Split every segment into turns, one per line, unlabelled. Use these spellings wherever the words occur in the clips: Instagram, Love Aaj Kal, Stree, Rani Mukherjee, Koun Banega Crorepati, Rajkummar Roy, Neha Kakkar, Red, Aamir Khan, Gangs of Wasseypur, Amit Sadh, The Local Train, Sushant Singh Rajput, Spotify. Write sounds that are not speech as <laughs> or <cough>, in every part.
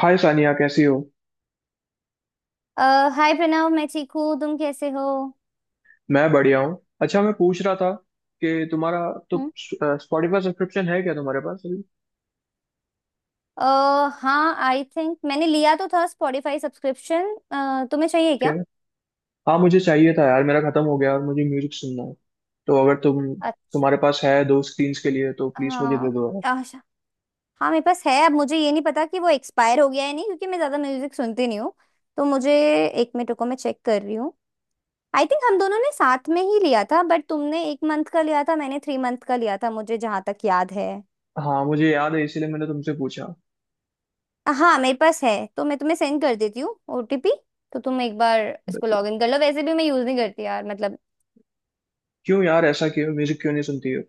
हाय सानिया, कैसी हो।
अ, हाय प्रणव, मैं ठीक हूँ। तुम कैसे हो?
मैं बढ़िया हूँ। अच्छा, मैं पूछ रहा था कि तुम्हारा तो
हम्म,
स्पॉटिफाई सब्सक्रिप्शन है क्या तुम्हारे पास अभी।
अ, हाँ, आई थिंक मैंने लिया तो था स्पॉटिफाई सब्सक्रिप्शन। तुम्हें चाहिए
क्या।
क्या?
हाँ, मुझे चाहिए था यार, मेरा खत्म हो गया और मुझे म्यूजिक सुनना है। तो अगर तुम
अच्छा।
तुम्हारे पास है दो स्क्रीन्स के लिए तो प्लीज मुझे
हाँ।
दे दो यार।
अच्छा। हाँ, मेरे पास है। अब मुझे ये नहीं पता कि वो एक्सपायर हो गया है नहीं, क्योंकि मैं ज़्यादा म्यूजिक सुनती नहीं हूँ। तो मुझे 1 मिनट रुको, मैं चेक कर रही हूँ। आई थिंक हम दोनों ने साथ में ही लिया था, बट तुमने 1 मंथ का लिया था, मैंने 3 मंथ का लिया था, मुझे जहाँ तक याद है।
हाँ, मुझे याद है, इसीलिए मैंने तुमसे पूछा।
हाँ, मेरे पास है। तो मैं तुम्हें सेंड कर देती हूँ ओटीपी। तो तुम एक बार
But
इसको लॉग इन कर लो। वैसे भी मैं यूज नहीं करती यार, मतलब
क्यों यार, ऐसा क्यों, म्यूजिक क्यों नहीं सुनती हो।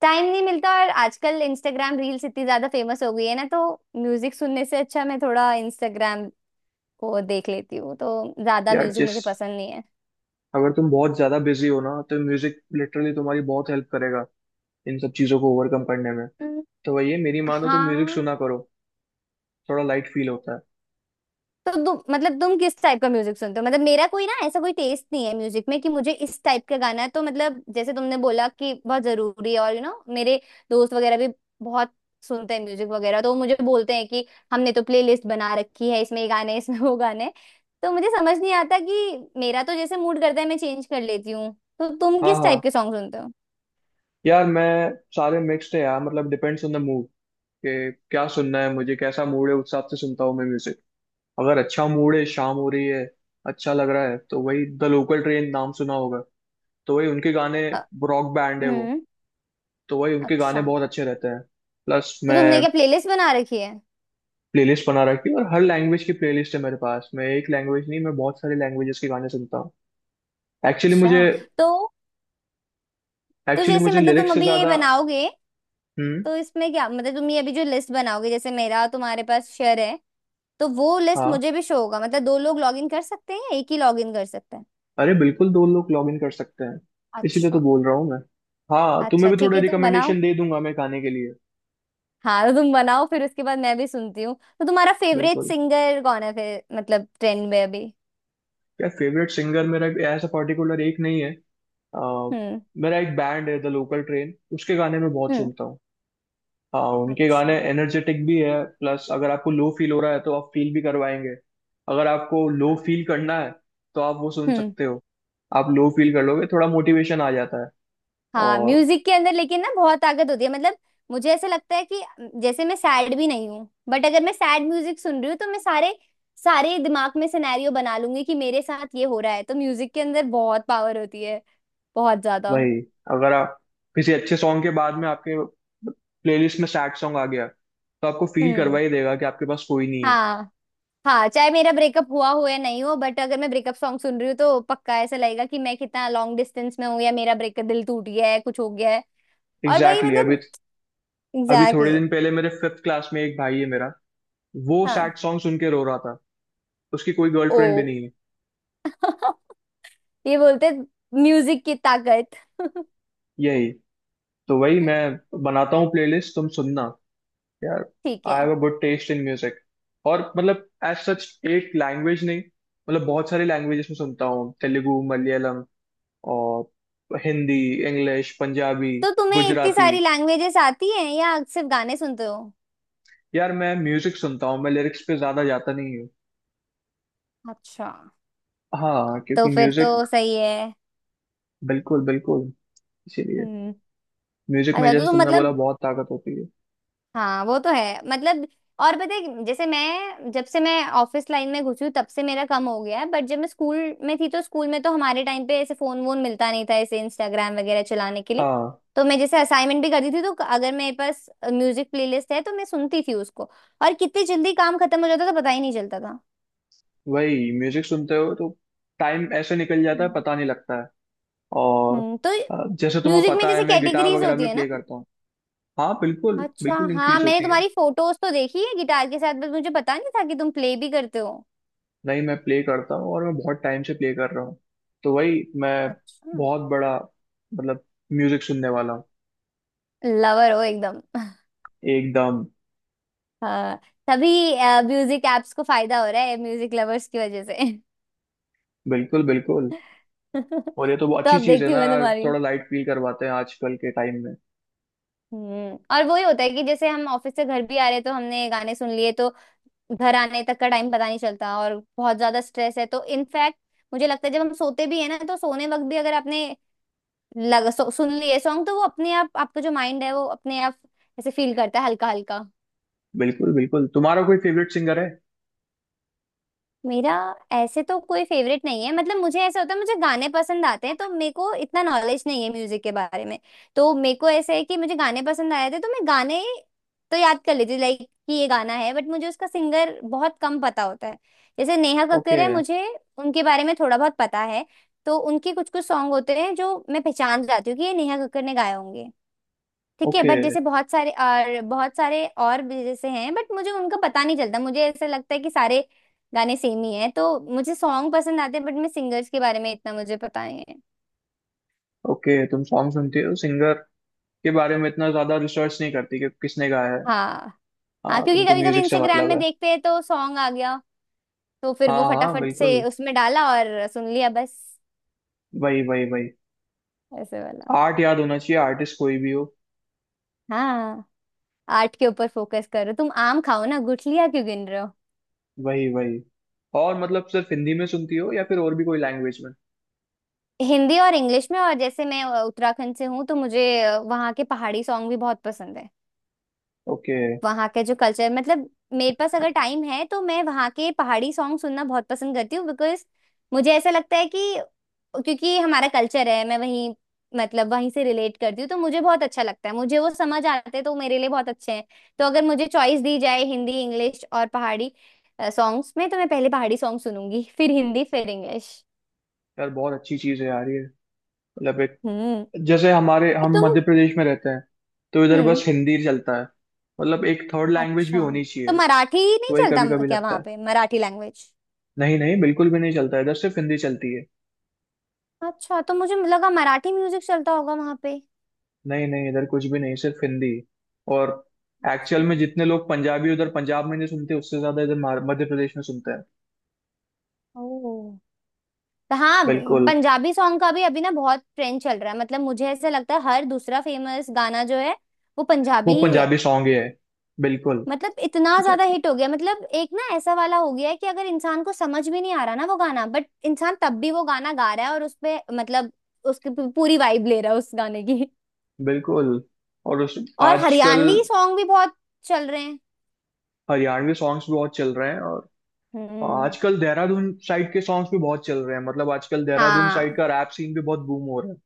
टाइम नहीं मिलता, और आजकल इंस्टाग्राम रील्स इतनी ज्यादा फेमस हो गई है ना, तो म्यूजिक सुनने से अच्छा मैं थोड़ा इंस्टाग्राम को देख लेती हूँ। तो ज्यादा
यार
म्यूजिक
जिस
मुझे पसंद नहीं है।
अगर तुम बहुत ज्यादा बिजी हो ना तो म्यूजिक लिटरली तुम्हारी बहुत हेल्प करेगा इन सब चीजों को ओवरकम करने में।
हम्म।
तो वही है, मेरी मानो तो म्यूजिक
हाँ,
सुना करो, थोड़ा लाइट फील होता है।
तो तुम किस टाइप का म्यूजिक सुनते हो? मतलब मेरा कोई ना ऐसा कोई टेस्ट नहीं है म्यूजिक में कि मुझे इस टाइप का गाना है, तो मतलब जैसे तुमने बोला कि बहुत जरूरी है, और यू you नो know, मेरे दोस्त वगैरह भी बहुत सुनते हैं म्यूजिक वगैरह, तो वो मुझे बोलते हैं कि हमने तो प्लेलिस्ट बना रखी है, इसमें ये गाने हैं, इसमें वो गाने हैं। तो मुझे समझ नहीं आता कि मेरा तो जैसे मूड करता है मैं चेंज कर लेती हूँ। तो तुम
हाँ
किस
हाँ।
टाइप के सॉन्ग सुनते हो?
यार मैं, सारे मिक्स्ड है यार, मतलब डिपेंड्स ऑन द मूड कि क्या सुनना है, मुझे कैसा मूड है उस हिसाब से सुनता हूँ मैं म्यूजिक। अगर अच्छा मूड है, शाम हो रही है, अच्छा लग रहा है, तो वही द लोकल ट्रेन नाम सुना होगा, तो वही उनके गाने।
अ,
रॉक बैंड है वो,
हम्म।
तो वही उनके गाने
अच्छा,
बहुत अच्छे रहते हैं। प्लस
तो तुमने
मैं
क्या प्लेलिस्ट बना रखी है?
प्लेलिस्ट बना रखी है और हर लैंग्वेज की प्लेलिस्ट है मेरे पास। मैं एक लैंग्वेज नहीं, मैं बहुत सारे लैंग्वेजेस के गाने सुनता हूँ। एक्चुअली
अच्छा।
मुझे
तो तो
एक्चुअली
जैसे
मुझे
मतलब तुम
लिरिक्स से
अभी ये
ज्यादा।
बनाओगे,
हम्म।
तो इसमें क्या, मतलब तुम ये अभी जो लिस्ट बनाओगे, जैसे मेरा और तुम्हारे पास शेयर है, तो वो लिस्ट
हाँ।
मुझे भी शो होगा? मतलब दो लोग लॉग इन कर सकते हैं या एक ही लॉग इन कर सकते हैं?
अरे बिल्कुल, दो लोग लॉग इन कर सकते हैं, इसीलिए तो
अच्छा।
बोल रहा हूँ मैं। हाँ, तुम्हें
अच्छा,
भी
ठीक
थोड़े
है, तुम बनाओ।
रिकमेंडेशन दे दूंगा मैं गाने के लिए।
हाँ, तो तुम बनाओ, फिर उसके बाद मैं भी सुनती हूँ। तो तुम्हारा फेवरेट
बिल्कुल।
सिंगर कौन है फिर, मतलब ट्रेंड में अभी?
क्या फेवरेट सिंगर, मेरा ऐसा पर्टिकुलर एक नहीं है। आ,
हम्म।
मेरा एक बैंड है द लोकल ट्रेन, उसके गाने मैं बहुत
हम्म।
सुनता हूँ। हाँ, उनके
अच्छा।
गाने एनर्जेटिक भी है, प्लस अगर आपको लो फील हो रहा है तो आप फील भी करवाएंगे। अगर आपको लो फील करना है तो आप वो सुन
हम्म।
सकते हो, आप लो फील कर लोगे, थोड़ा मोटिवेशन आ जाता है।
हाँ,
और
म्यूजिक के अंदर लेकिन ना बहुत ताकत होती है, मतलब मुझे ऐसा लगता है कि जैसे मैं सैड भी नहीं हूँ, बट अगर मैं सैड म्यूजिक सुन रही हूँ तो मैं सारे सारे दिमाग में सिनेरियो बना लूंगी कि मेरे साथ ये हो रहा है। तो म्यूजिक के अंदर बहुत पावर होती है, बहुत ज्यादा।
वही, अगर आप किसी अच्छे सॉन्ग के बाद में आपके प्लेलिस्ट में सैड सॉन्ग आ गया तो आपको फील
हम्म।
करवा ही देगा कि आपके पास कोई नहीं है।
हाँ। हाँ, चाहे मेरा ब्रेकअप हुआ हो या नहीं हो, बट अगर मैं ब्रेकअप सॉन्ग सुन रही हूँ तो पक्का ऐसा लगेगा कि मैं कितना लॉन्ग डिस्टेंस में हूँ, या मेरा ब्रेकअप, दिल टूट गया है, कुछ हो गया है। और वही
एग्जैक्टली exactly, अभी
मतलब,
अभी
एग्जैक्टली
थोड़े
exactly.
दिन पहले मेरे फिफ्थ क्लास में एक भाई है मेरा, वो सैड
हाँ।
सॉन्ग सुन के रो रहा था। उसकी कोई
ओ।
गर्लफ्रेंड भी नहीं है।
<laughs> ये बोलते म्यूजिक की ताकत। <laughs>
यही तो वही मैं बनाता हूँ प्लेलिस्ट, तुम सुनना यार।
ठीक
आई
है।
Have a good taste in music, और मतलब एज सच एक लैंग्वेज नहीं, मतलब बहुत सारी लैंग्वेजेस में सुनता हूँ, तेलुगु, मलयालम और हिंदी, इंग्लिश, पंजाबी,
तो तुम्हें इतनी
गुजराती।
सारी लैंग्वेजेस आती हैं या सिर्फ गाने सुनते हो?
यार मैं म्यूजिक सुनता हूँ, मैं लिरिक्स पे ज्यादा जाता नहीं हूँ।
अच्छा।
हाँ,
तो
क्योंकि
फिर तो
म्यूजिक,
सही है।
बिल्कुल बिल्कुल, इसीलिए
हम्म।
म्यूजिक में
अच्छा, तो
जैसे
तुम
तुमने बोला,
मतलब,
बहुत ताकत होती है।
हाँ वो तो है मतलब। और पता है कि जैसे मैं, जब से मैं ऑफिस लाइन में घुसी हूँ तब से मेरा कम हो गया है, बट जब मैं स्कूल में थी तो स्कूल में तो हमारे टाइम पे ऐसे फोन वोन मिलता नहीं था ऐसे इंस्टाग्राम वगैरह चलाने के लिए।
हाँ।
तो मैं जैसे असाइनमेंट भी करती थी तो अगर मेरे पास म्यूजिक प्लेलिस्ट है तो मैं सुनती थी उसको, और कितनी जल्दी काम खत्म हो जाता था, पता ही नहीं चलता था।
वही, म्यूजिक सुनते हो तो टाइम ऐसे निकल जाता है,
हम्म।
पता नहीं लगता है। और
हम्म। तो
जैसे तुम्हें
म्यूजिक में
पता है,
जैसे
मैं गिटार
कैटेगरीज
वगैरह
होती
भी
है ना।
प्ले करता हूँ। हाँ बिल्कुल
अच्छा,
बिल्कुल,
हाँ,
इंक्रीज
मैंने
होती है।
तुम्हारी फोटोज तो देखी है गिटार के साथ, बस मुझे पता नहीं था कि तुम प्ले भी करते हो।
नहीं, मैं प्ले करता हूँ और मैं बहुत टाइम से प्ले कर रहा हूँ। तो वही मैं
अच्छा।
बहुत बड़ा, मतलब म्यूजिक सुनने वाला हूँ।
लवर हो एकदम।
एकदम।
हाँ। तभी म्यूजिक एप्स को फायदा हो रहा है म्यूजिक लवर्स की वजह से।
बिल्कुल बिल्कुल। और
<laughs>
ये तो बहुत
तो
अच्छी
अब
चीज़ है
देखती
ना
हूँ मैं
यार,
तुम्हारी।
थोड़ा लाइट फील करवाते हैं आजकल के टाइम में।
हम्म, और वही होता है कि जैसे हम ऑफिस से घर भी आ रहे हैं, तो हमने गाने सुन लिए, तो घर आने तक का टाइम पता नहीं चलता, और बहुत ज्यादा स्ट्रेस है, तो इनफैक्ट मुझे लगता है जब हम सोते भी है ना, तो सोने वक्त भी अगर आपने सुन लिए सॉन्ग तो वो अपने आप, आपका जो माइंड है वो अपने आप ऐसे फील करता है, हल्का हल्का।
बिल्कुल बिल्कुल। तुम्हारा कोई फेवरेट सिंगर है।
मेरा ऐसे तो कोई फेवरेट नहीं है, मतलब मुझे ऐसा होता है मुझे गाने पसंद आते हैं, तो मेरे को इतना नॉलेज नहीं है म्यूजिक के बारे में। तो मेरे को ऐसे है कि मुझे गाने पसंद आए थे तो मैं गाने तो याद कर लेती, लाइक कि ये गाना है, बट मुझे उसका सिंगर बहुत कम पता होता है। जैसे नेहा कक्कर
ओके।
है, मुझे उनके बारे में थोड़ा बहुत पता है, तो उनके कुछ कुछ सॉन्ग होते हैं जो मैं पहचान जाती हूँ कि ये नेहा कक्कर ने गाए होंगे। ठीक है,
ओके।
बट जैसे बहुत सारे, और बहुत सारे और भी जैसे हैं, बट मुझे उनका पता नहीं चलता। मुझे ऐसा लगता है कि सारे गाने सेम ही हैं। तो मुझे सॉन्ग पसंद आते हैं, बट मैं सिंगर्स के बारे में इतना मुझे पता नहीं है।
ओके, तुम सॉन्ग सुनती हो, सिंगर के बारे में इतना ज़्यादा रिसर्च नहीं करती कि किसने गाया है।
हाँ। हाँ,
हाँ,
क्योंकि
तुमको
कभी कभी
म्यूजिक से
इंस्टाग्राम
मतलब
में
है।
देखते हैं तो सॉन्ग आ गया, तो फिर
हाँ
वो
हाँ
फटाफट
बिल्कुल।
से उसमें डाला और सुन लिया, बस।
वही वही वही।
ऐसे वाला।
आर्ट याद होना चाहिए, आर्टिस्ट कोई भी हो।
हाँ। आर्ट के ऊपर फोकस करो, तुम आम खाओ ना, गुठलियाँ क्यों गिन रहे हो।
वही वही। और मतलब सिर्फ हिंदी में सुनती हो या फिर और भी कोई लैंग्वेज में।
हिंदी और इंग्लिश में, और जैसे मैं उत्तराखंड से हूँ तो मुझे वहाँ के पहाड़ी सॉन्ग भी बहुत पसंद है।
ओके।
वहाँ के जो कल्चर, मतलब मेरे पास अगर टाइम है तो मैं वहाँ के पहाड़ी सॉन्ग सुनना बहुत पसंद करती हूँ, बिकॉज मुझे ऐसा लगता है कि, क्योंकि ये हमारा कल्चर है, मैं वहीं, मतलब वहीं से रिलेट करती हूँ, तो मुझे बहुत अच्छा लगता है, मुझे वो समझ आते हैं, तो वो मेरे लिए बहुत अच्छे हैं। तो अगर मुझे चॉइस दी जाए हिंदी, इंग्लिश और पहाड़ी सॉन्ग्स में, तो मैं पहले पहाड़ी सॉन्ग सुनूंगी, फिर हिंदी, फिर इंग्लिश।
यार बहुत अच्छी चीज है यार ये, मतलब एक,
हम्म।
जैसे हमारे
तो
हम
तुम।
मध्य प्रदेश में रहते हैं तो इधर
हम्म।
बस हिंदी चलता है, मतलब एक थर्ड लैंग्वेज भी
अच्छा,
होनी
तो
चाहिए।
मराठी
तो
नहीं
वही,
चलता?
कभी
म-
कभी
क्या
लगता
वहाँ
है।
पे मराठी लैंग्वेज?
नहीं नहीं, बिल्कुल भी नहीं चलता, इधर सिर्फ हिंदी चलती है।
अच्छा, तो मुझे लगा मराठी म्यूजिक चलता होगा वहां पे।
नहीं नहीं, इधर कुछ भी नहीं, सिर्फ हिंदी। और एक्चुअल
अच्छा।
में जितने लोग पंजाबी उधर पंजाब में नहीं सुनते उससे ज्यादा इधर मध्य प्रदेश में सुनते हैं।
ओह। तो हाँ,
बिल्कुल।
पंजाबी सॉन्ग का भी अभी ना बहुत ट्रेंड चल रहा है। मतलब मुझे ऐसा लगता है हर दूसरा फेमस गाना जो है वो पंजाबी
वो
ही है।
पंजाबी सॉन्ग ही है, बिल्कुल
मतलब इतना ज्यादा हिट हो गया, मतलब एक ना ऐसा वाला हो गया है कि अगर इंसान को समझ भी नहीं आ रहा ना वो गाना, बट इंसान तब भी वो गाना गा रहा है और उस पे मतलब उसकी पूरी वाइब ले रहा है उस गाने की।
बिल्कुल। और उस
और
आजकल
हरियाणवी सॉन्ग भी बहुत चल रहे हैं।
हरियाणवी सॉन्ग्स भी बहुत चल रहे हैं और
हम्म।
आजकल देहरादून साइड के सॉन्ग्स भी बहुत चल रहे हैं, मतलब आजकल देहरादून साइड
हाँ।
का रैप सीन भी बहुत बूम हो रहा है।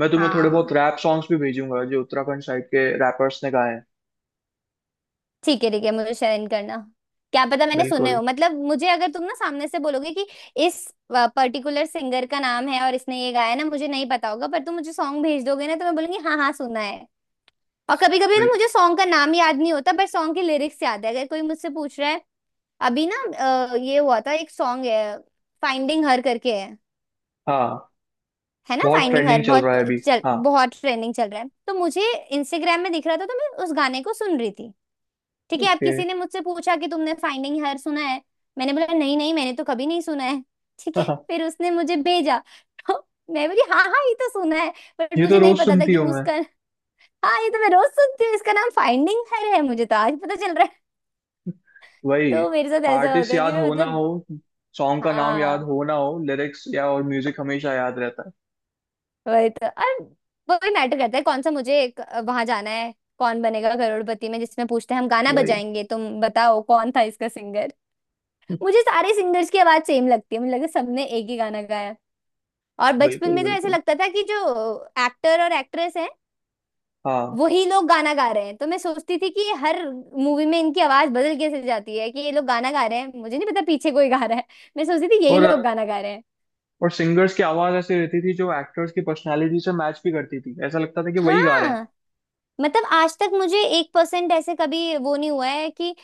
मैं तुम्हें थोड़े बहुत
हाँ,
रैप सॉन्ग्स भी भेजूंगा जो उत्तराखंड साइड के रैपर्स ने गाए हैं।
ठीक है, ठीक है, मुझे शेयर करना। क्या पता मैंने सुने
बिल्कुल
हो, मतलब मुझे अगर तुम ना सामने से बोलोगे कि इस पर्टिकुलर सिंगर का नाम है और इसने ये गाया है ना, मुझे नहीं पता होगा, पर तुम मुझे सॉन्ग भेज दोगे ना, तो मैं बोलूंगी हाँ हाँ सुना है। और कभी कभी ना
बिल्कुल।
मुझे सॉन्ग का नाम याद नहीं होता पर सॉन्ग के लिरिक्स याद है, अगर कोई मुझसे पूछ रहा है। अभी ना ये हुआ था, एक सॉन्ग है फाइंडिंग हर करके है
हाँ,
है ना?
बहुत
फाइंडिंग हर,
ट्रेंडिंग चल रहा
बहुत
है अभी।
चल
हाँ।
बहुत ट्रेंडिंग चल रहा है, तो मुझे इंस्टाग्राम में दिख रहा था तो मैं उस गाने को सुन रही थी। ठीक है, अब
ओके।
किसी ने मुझसे पूछा कि तुमने फाइंडिंग हर सुना है? मैंने बोला नहीं नहीं, मैंने तो कभी नहीं सुना है। ठीक है,
<laughs>
फिर उसने मुझे भेजा, तो मैं बोली हाँ हाँ, ये तो सुना है, बट
ये तो
मुझे नहीं
रोज
पता था
सुनती
कि
हूँ मैं।
उसका, हाँ ये तो मैं रोज सुनती हूँ, इसका नाम फाइंडिंग हर है, मुझे तो आज पता चल रहा है।
वही,
तो मेरे साथ ऐसा होता
आर्टिस्ट
है कि
याद
मैं
हो ना
मतलब,
हो, सॉन्ग का नाम याद
हाँ
हो ना हो, लिरिक्स या और म्यूजिक हमेशा याद रहता है।
वही तो। और वो भी मैटर करता है कौन सा, वहां जाना है, कौन बनेगा करोड़पति में, जिसमें पूछते हैं हम गाना
वही।
बजाएंगे तुम बताओ कौन था इसका सिंगर। मुझे
<laughs>
सारे सिंगर्स की आवाज सेम लगती है, मुझे लगा सबने एक ही गाना गाया। और बचपन
बिल्कुल
में तो ऐसे
बिल्कुल।
लगता था कि जो एक्टर और एक्ट्रेस हैं
हाँ
वही लोग गाना गा रहे हैं। तो मैं सोचती थी कि ये हर मूवी में इनकी आवाज बदल कैसे जाती है, कि ये लोग गाना गा रहे हैं, मुझे नहीं पता पीछे कोई गा रहा है, मैं सोचती थी यही
और
लोग गाना गा रहे हैं।
और सिंगर्स की आवाज ऐसी रहती थी जो एक्टर्स की पर्सनालिटी से मैच भी करती थी, ऐसा लगता था कि वही गा रहे हैं।
हाँ। मतलब आज तक मुझे 1% ऐसे कभी वो नहीं हुआ है कि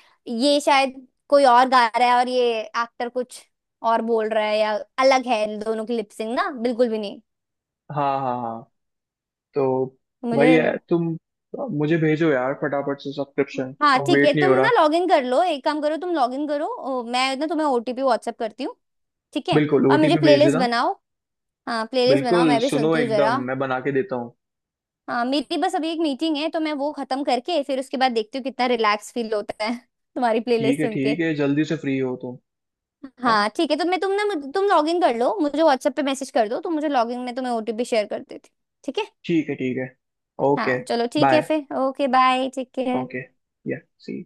ये शायद कोई और गा रहा है और ये एक्टर कुछ और बोल रहा है, या अलग है इन दोनों की लिपसिंग ना, बिल्कुल भी नहीं।
हाँ हाँ हाँ। तो
मुझे,
वही है, तुम मुझे भेजो यार फटाफट से सब्सक्रिप्शन,
हाँ
अब
ठीक है,
वेट नहीं
तुम
हो रहा।
ना लॉग इन कर लो, एक काम करो, तुम लॉग इन करो, मैं ना तुम्हें ओटीपी व्हाट्सएप करती हूँ। ठीक है।
बिल्कुल,
और मुझे
ओटीपी भेज
प्लेलिस्ट
देना।
बनाओ। हाँ, प्लेलिस्ट बनाओ,
बिल्कुल,
मैं भी
सुनो
सुनती हूँ जरा।
एकदम मैं बना के देता हूँ।
हाँ, मेरी बस अभी 1 मीटिंग है, तो मैं वो खत्म करके फिर उसके बाद देखती हूँ कितना रिलैक्स फील होता है <laughs> तुम्हारी
ठीक
प्लेलिस्ट
है
सुन के।
ठीक है, जल्दी से फ्री हो तुम। है?
हाँ ठीक है, तो मैं तुम ना मुझ- तुम लॉग इन कर लो, मुझे व्हाट्सएप पे मैसेज कर दो, तो मुझे लॉग इन में तुम्हें ओटीपी शेयर कर देती हूँ, ठीक है।
ठीक है ठीक है। ओके।
हाँ चलो, ठीक है,
बाय।
फिर ओके, बाय, ठीक है।
ओके। या। सी।